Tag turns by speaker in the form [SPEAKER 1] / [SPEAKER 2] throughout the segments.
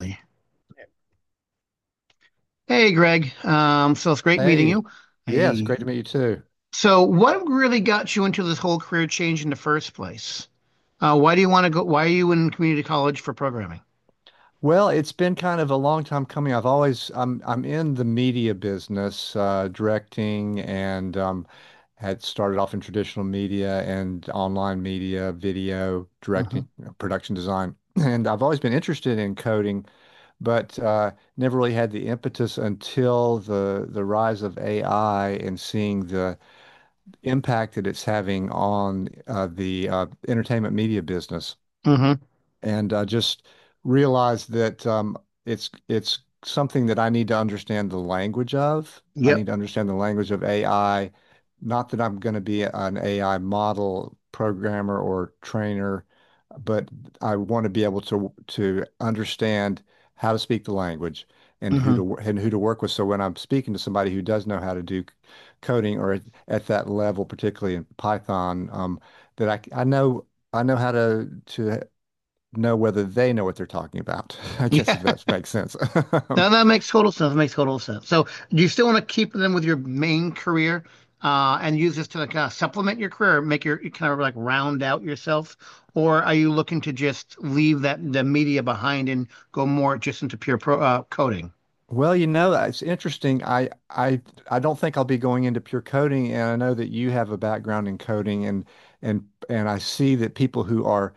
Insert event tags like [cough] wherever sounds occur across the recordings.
[SPEAKER 1] Exactly. Hey, Greg. So it's great meeting you.
[SPEAKER 2] Hey, yes,
[SPEAKER 1] I,
[SPEAKER 2] great to meet you too.
[SPEAKER 1] so what really got you into this whole career change in the first place? Why do you want to go? Why are you in community college for programming?
[SPEAKER 2] Well, it's been kind of a long time coming. I've always I'm in the media business, directing, and had started off in traditional media and online media, video directing,
[SPEAKER 1] hmm
[SPEAKER 2] you know, production design, [clears throat] and I've always been interested in coding, but never really had the impetus until the rise of AI and seeing the impact that it's having on the entertainment media business.
[SPEAKER 1] hmm
[SPEAKER 2] And just realized that it's something that I need to understand the language of. I need
[SPEAKER 1] Yep.
[SPEAKER 2] to understand the language of AI. Not that I'm going to be an AI model programmer or trainer, but I want to be able to understand how to speak the language and who
[SPEAKER 1] hmm
[SPEAKER 2] to and who to work with. So when I'm speaking to somebody who does know how to do coding or at that level, particularly in Python, that I know how to know whether they know what they're talking about. [laughs] I
[SPEAKER 1] [laughs]
[SPEAKER 2] guess
[SPEAKER 1] Yeah.
[SPEAKER 2] if that makes sense.
[SPEAKER 1] No, that makes total sense. That makes total sense. So, do you still want to keep them with your main career and use this to like kind of supplement your career, or make your kind of like round out yourself, or are you looking to just leave that the media behind and go more just into pure coding?
[SPEAKER 2] [laughs] Well, it's interesting. I don't think I'll be going into pure coding, and I know that you have a background in coding, and I see that people who are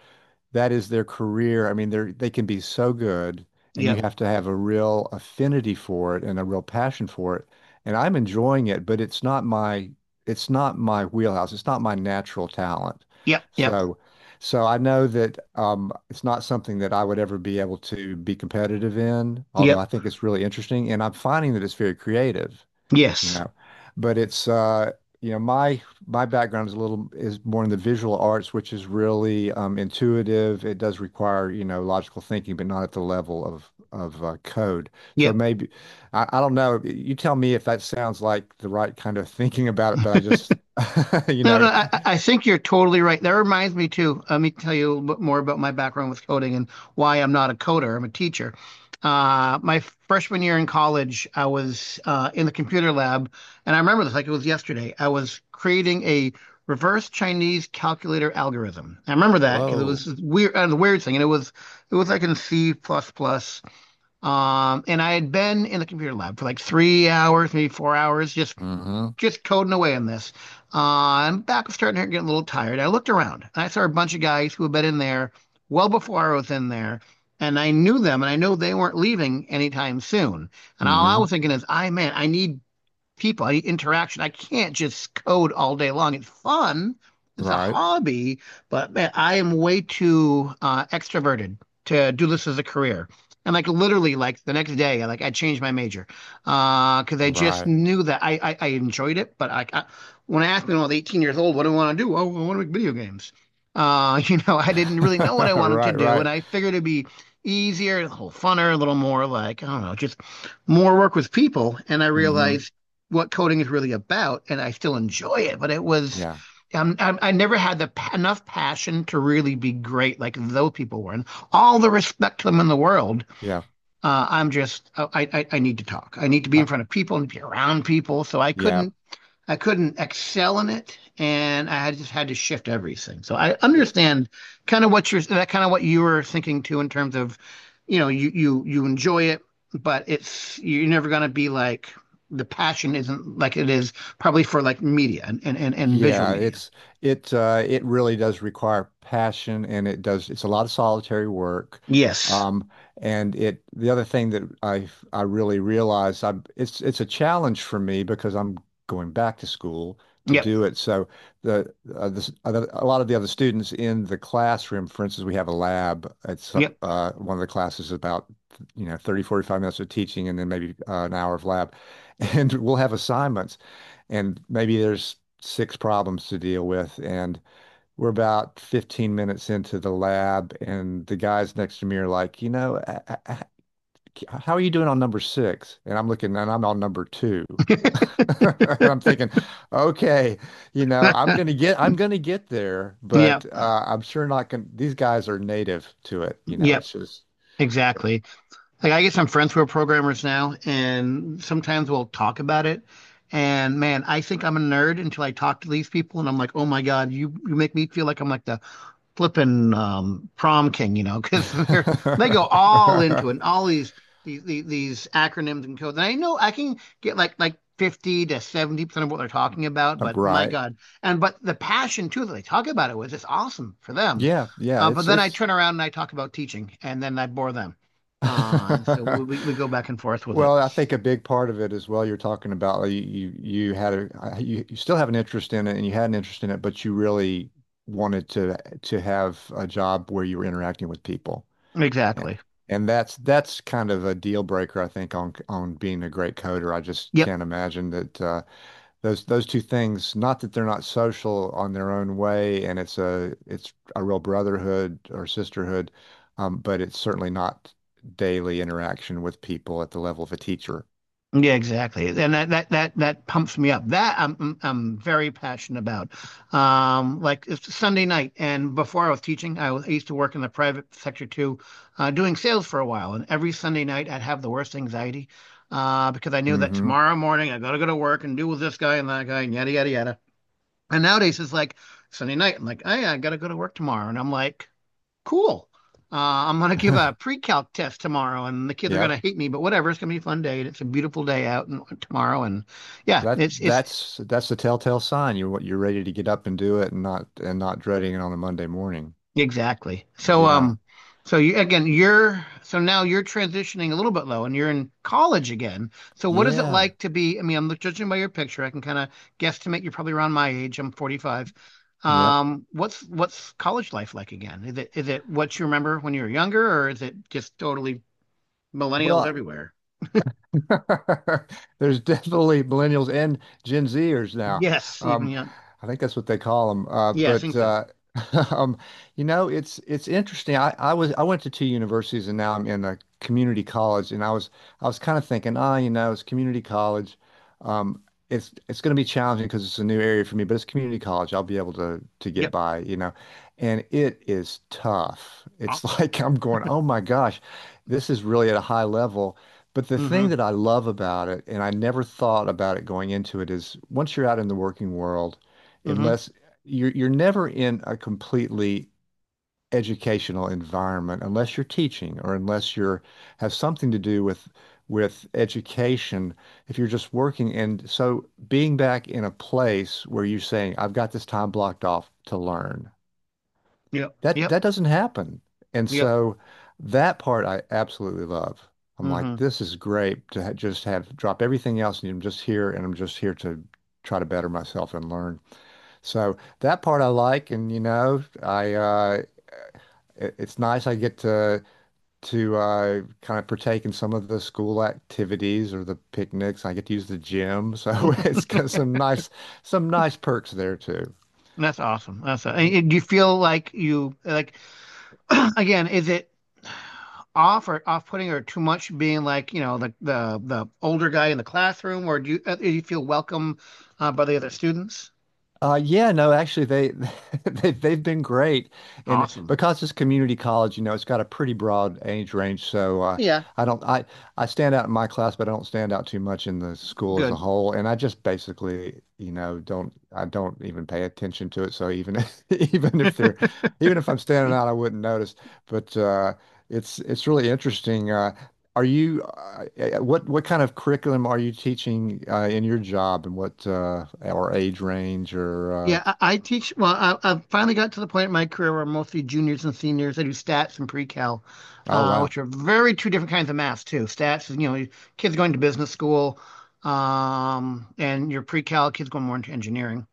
[SPEAKER 2] that is their career. I mean, they can be so good, and you
[SPEAKER 1] Yep.
[SPEAKER 2] have to have a real affinity for it and a real passion for it. And I'm enjoying it, but it's not my wheelhouse. It's not my natural talent.
[SPEAKER 1] Yep. Yep.
[SPEAKER 2] So so I know that it's not something that I would ever be able to be competitive in, although
[SPEAKER 1] Yep.
[SPEAKER 2] I think it's really interesting, and I'm finding that it's very creative you
[SPEAKER 1] Yes.
[SPEAKER 2] know. But it's my background is a little is more in the visual arts, which is really intuitive. It does require, you know, logical thinking, but not at the level of code. So
[SPEAKER 1] Yep.
[SPEAKER 2] maybe I don't know. You tell me if that sounds like the right kind of [laughs] thinking about it, but I just, [laughs] you
[SPEAKER 1] No, no,
[SPEAKER 2] know,
[SPEAKER 1] I think you're totally right. That reminds me too. Let me tell you a little bit more about my background with coding and why I'm not a coder. I'm a teacher. My freshman year in college, I was in the computer lab, and I remember this like it was yesterday. I was creating a reverse Chinese calculator algorithm. I remember that because it
[SPEAKER 2] whoa.
[SPEAKER 1] was weird, and it was like in C++. Plus plus. And I had been in the computer lab for like 3 hours, maybe 4 hours, just
[SPEAKER 2] Mm-hmm.
[SPEAKER 1] just coding away on this. Am back was starting to get a little tired. I looked around and I saw a bunch of guys who had been in there well before I was in there. And I knew them and I know they weren't leaving anytime soon. And all I
[SPEAKER 2] Mm-hmm.
[SPEAKER 1] was thinking is, I man, I need people. I need interaction. I can't just code all day long. It's fun. It's a
[SPEAKER 2] Right.
[SPEAKER 1] hobby, but man, I am way too extroverted to do this as a career. And like literally, like the next day, I changed my major because I just
[SPEAKER 2] Right.
[SPEAKER 1] knew that I enjoyed it. But I When I asked me when I was 18 years old, what do I want to do? Oh, I want to make video games. [laughs] You know, I didn't really know what I
[SPEAKER 2] [laughs]
[SPEAKER 1] wanted to
[SPEAKER 2] Right.
[SPEAKER 1] do, and
[SPEAKER 2] Right.
[SPEAKER 1] I figured it'd be easier, a little funner, a little more like I don't know, just more work with people. And I
[SPEAKER 2] Mm-hmm.
[SPEAKER 1] realized what coding is really about, and I still enjoy it, but it was.
[SPEAKER 2] Yeah.
[SPEAKER 1] I never had the enough passion to really be great like those people were, and all the respect to them in the world.
[SPEAKER 2] Yeah.
[SPEAKER 1] I'm just oh, I need to talk. I need to be
[SPEAKER 2] Uh,
[SPEAKER 1] in front of people and be around people. So I couldn't excel in it, and I just had to shift everything. So I
[SPEAKER 2] yeah.
[SPEAKER 1] understand kind of what you're that kind of what you were thinking too in terms of, you know, you enjoy it, but it's you're never gonna be like the passion isn't like it is probably for like media and visual
[SPEAKER 2] Yeah,
[SPEAKER 1] media.
[SPEAKER 2] it really does require passion and it's a lot of solitary work.
[SPEAKER 1] Yes.
[SPEAKER 2] Um and it the other thing that I really realized I it's a challenge for me because I'm going back to school to
[SPEAKER 1] Yep.
[SPEAKER 2] do it. So a lot of the other students in the classroom, for instance, we have a lab. It's
[SPEAKER 1] Yep.
[SPEAKER 2] one of the classes about 30-45 minutes of teaching and then maybe an hour of lab. [laughs] And we'll have assignments and maybe there's six problems to deal with. And we're about 15 minutes into the lab, and the guys next to me are like, how are you doing on number six? And I'm looking, and I'm on number two. [laughs]
[SPEAKER 1] [laughs]
[SPEAKER 2] And I'm thinking, okay, you know, I'm gonna get there,
[SPEAKER 1] Yep.
[SPEAKER 2] but I'm sure not gonna. These guys are native to it, you know.
[SPEAKER 1] Yep.
[SPEAKER 2] It's just
[SPEAKER 1] Exactly. Like I get some friends who are programmers now, and sometimes we'll talk about it. And man, I think I'm a nerd until I talk to these people, and I'm like, oh my God, you make me feel like I'm like the flipping prom king, you know, [laughs] because they're
[SPEAKER 2] [laughs]
[SPEAKER 1] they go all into it, and all these these, acronyms and codes. And I know I can get like 50 to 70% of what they're talking about, but my
[SPEAKER 2] right.
[SPEAKER 1] God, and but the passion too that they talk about it was just awesome for them.
[SPEAKER 2] Yeah, yeah.
[SPEAKER 1] But then I
[SPEAKER 2] It's
[SPEAKER 1] turn around and I talk about teaching, and then I bore them. And so we go back and
[SPEAKER 2] [laughs]
[SPEAKER 1] forth with it.
[SPEAKER 2] Well, I think a big part of it as well, you're talking about like, you had a you, you still have an interest in it and you had an interest in it, but you really wanted to have a job where you were interacting with people. A-
[SPEAKER 1] Exactly.
[SPEAKER 2] And that's kind of a deal breaker, I think, on being a great coder. I just
[SPEAKER 1] Yep.
[SPEAKER 2] can't imagine that those two things, not that they're not social on their own way, and it's a real brotherhood or sisterhood, but it's certainly not daily interaction with people at the level of a teacher.
[SPEAKER 1] Yeah, exactly, and that that pumps me up. That I'm mm, I'm very passionate about. Like it's Sunday night, and before I was teaching, I used to work in the private sector too, doing sales for a while. And every Sunday night, I'd have the worst anxiety, because I knew that
[SPEAKER 2] Hmm.
[SPEAKER 1] tomorrow morning I gotta go to work and deal with this guy and that guy and yada yada yada. And nowadays it's like Sunday night. I'm like, oh, yeah, I gotta go to work tomorrow, and I'm like. Cool. Uh, I'm gonna give a
[SPEAKER 2] [laughs]
[SPEAKER 1] pre-calc test tomorrow, and the kids are gonna
[SPEAKER 2] Yep.
[SPEAKER 1] hate me, but whatever. It's gonna be a fun day, and it's a beautiful day out and tomorrow, and yeah,
[SPEAKER 2] That
[SPEAKER 1] it's
[SPEAKER 2] that's that's the telltale sign. You're ready to get up and do it and not dreading it on a Monday morning.
[SPEAKER 1] exactly. So
[SPEAKER 2] Yeah.
[SPEAKER 1] so you again, you're so now you're transitioning a little bit low, and you're in college again. So what is it
[SPEAKER 2] Yeah.
[SPEAKER 1] like to be? I mean, I'm judging by your picture, I can kind of guesstimate you're probably around my age. I'm 45.
[SPEAKER 2] Yep.
[SPEAKER 1] What's college life like again? Is it what you remember when you were younger, or is it just totally millennials
[SPEAKER 2] Well,
[SPEAKER 1] everywhere?
[SPEAKER 2] [laughs] there's definitely millennials and Gen Zers now.
[SPEAKER 1] Yes, even
[SPEAKER 2] Um,
[SPEAKER 1] young.
[SPEAKER 2] I think that's what they call them. Uh,
[SPEAKER 1] Yeah, I
[SPEAKER 2] but
[SPEAKER 1] think so.
[SPEAKER 2] uh, [laughs] um, it's interesting. I went to two universities and now I'm in a community college, and I was kind of thinking, ah, you know, it's community college. Um, it's going to be challenging because it's a new area for me, but it's community college. I'll be able to get
[SPEAKER 1] Yep.
[SPEAKER 2] by, you know. And it is tough.
[SPEAKER 1] Oh,
[SPEAKER 2] It's [laughs] like I'm going, oh my gosh, this is really at a high level. But the
[SPEAKER 1] mm-hmm.
[SPEAKER 2] thing that I love about it, and I never thought about it going into it, is once you're out in the working world,
[SPEAKER 1] Mm-hmm.
[SPEAKER 2] unless you're never in a completely educational environment, unless you're teaching or unless you're have something to do with education, if you're just working. And so being back in a place where you're saying, I've got this time blocked off to learn
[SPEAKER 1] Yep.
[SPEAKER 2] that
[SPEAKER 1] Yep.
[SPEAKER 2] that doesn't happen. And
[SPEAKER 1] Yep.
[SPEAKER 2] so that part I absolutely love. I'm like,
[SPEAKER 1] Mm-hmm.
[SPEAKER 2] this is great to ha just have drop everything else and I'm just here and I'm just here to try to better myself and learn. So that part I like, and you know, it's nice I get to kind of partake in some of the school activities or the picnics. I get to use the gym. So [laughs] it's got some nice perks there too.
[SPEAKER 1] That's awesome. That's a- and do you feel like you like [clears throat] again, is it off or off-putting or too much being like, you know, the older guy in the classroom or do you feel welcome by the other students?
[SPEAKER 2] Yeah, no, actually, they [laughs] they've been great, and
[SPEAKER 1] Awesome.
[SPEAKER 2] because it's community college, you know, it's got a pretty broad age range. So
[SPEAKER 1] Yeah,
[SPEAKER 2] I don't I stand out in my class, but I don't stand out too much in the school as a
[SPEAKER 1] good.
[SPEAKER 2] whole. And I just basically, you know, don't I don't even pay attention to it. So even [laughs] even if they're even if I'm standing out, I wouldn't notice. But it's really interesting. Are you what kind of curriculum are you teaching in your job, and what or age range, or
[SPEAKER 1] Yeah, I teach. Well, I've finally got to the point in my career where I'm mostly juniors and seniors. I do stats and pre-cal,
[SPEAKER 2] oh wow.
[SPEAKER 1] which are very two different kinds of math too. Stats is, you know, kids going to business school, and your pre-cal kids going more into engineering.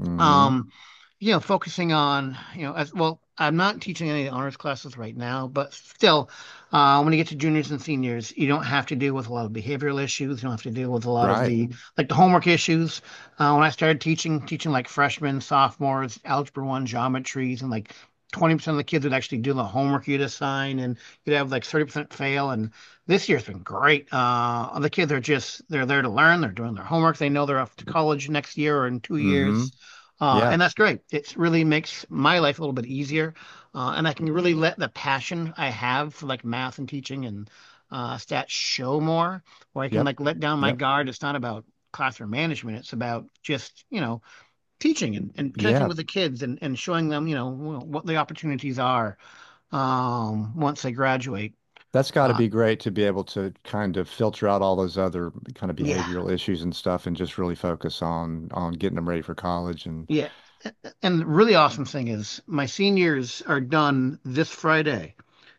[SPEAKER 2] Mm-hmm.
[SPEAKER 1] Um, you know, focusing on, you know, as well, I'm not teaching any honors classes right now, but still, when you get to juniors and seniors, you don't have to deal with a lot of behavioral issues. You don't have to deal with a lot of
[SPEAKER 2] Right.
[SPEAKER 1] the homework issues. When I started teaching like freshmen, sophomores, algebra one, geometries, and like 20% of the kids would actually do the homework you'd assign, and you'd have like 30% fail. And this year's been great. The kids are just they're there to learn. They're doing their homework. They know they're off to college next year or in two
[SPEAKER 2] Mm-hmm.
[SPEAKER 1] years.
[SPEAKER 2] Yeah.
[SPEAKER 1] And that's great. It really makes my life a little bit easier. And I can really let the passion I have for like math and teaching and stats show more, or I can
[SPEAKER 2] Yep.
[SPEAKER 1] like let down my
[SPEAKER 2] Yep.
[SPEAKER 1] guard. It's not about classroom management. It's about just, you know, teaching and connecting
[SPEAKER 2] Yeah.
[SPEAKER 1] with the kids and showing them, you know, what the opportunities are once they graduate.
[SPEAKER 2] That's got to
[SPEAKER 1] Uh,
[SPEAKER 2] be great to be able to kind of filter out all those other kind of
[SPEAKER 1] yeah.
[SPEAKER 2] behavioral issues and stuff and just really focus on getting them ready for college and
[SPEAKER 1] Yeah. And the really awesome thing is my seniors are done this Friday.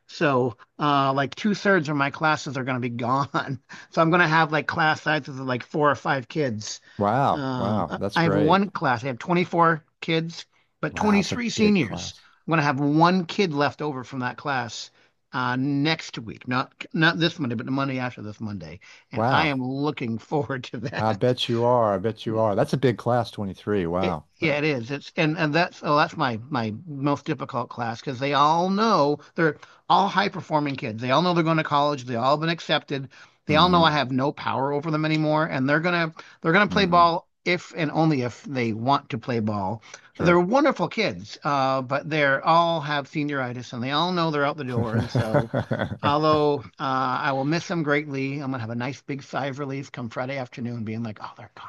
[SPEAKER 1] So like two-thirds of my classes are gonna be gone. [laughs] So I'm gonna have like class sizes of like four or five kids.
[SPEAKER 2] wow. Wow. That's
[SPEAKER 1] I have
[SPEAKER 2] great.
[SPEAKER 1] one class, I have 24 kids, but
[SPEAKER 2] Wow, it's a
[SPEAKER 1] 23
[SPEAKER 2] big
[SPEAKER 1] seniors.
[SPEAKER 2] class.
[SPEAKER 1] I'm gonna have one kid left over from that class next week. Not this Monday, but the Monday after this Monday. And I
[SPEAKER 2] Wow.
[SPEAKER 1] am looking forward to
[SPEAKER 2] I
[SPEAKER 1] that.
[SPEAKER 2] bet you are. I bet you are. That's a big class, 23.
[SPEAKER 1] It,
[SPEAKER 2] Wow.
[SPEAKER 1] yeah, it is. It's and that's oh, that's my most difficult class because they all know they're all high performing kids. They all know they're going to college. They all been accepted. They all know I
[SPEAKER 2] Mm-hmm.
[SPEAKER 1] have no power over them anymore, and they're gonna play
[SPEAKER 2] Mm-hmm.
[SPEAKER 1] ball if and only if they want to play ball. They're
[SPEAKER 2] Sure.
[SPEAKER 1] wonderful kids, but they're all have senioritis, and they all know they're out the door. And so,
[SPEAKER 2] [laughs]
[SPEAKER 1] although I will miss them greatly, I'm gonna have a nice big sigh of relief come Friday afternoon, being like, oh, they're gone.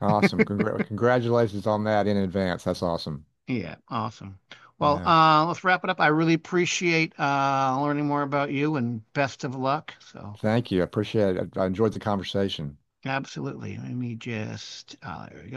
[SPEAKER 2] Awesome. Congratulations on that in advance. That's awesome.
[SPEAKER 1] Yeah, awesome. Well,
[SPEAKER 2] Yeah.
[SPEAKER 1] let's wrap it up. I really appreciate learning more about you and best of luck. So,
[SPEAKER 2] Thank you. I appreciate it. I enjoyed the conversation.
[SPEAKER 1] absolutely. Let me just,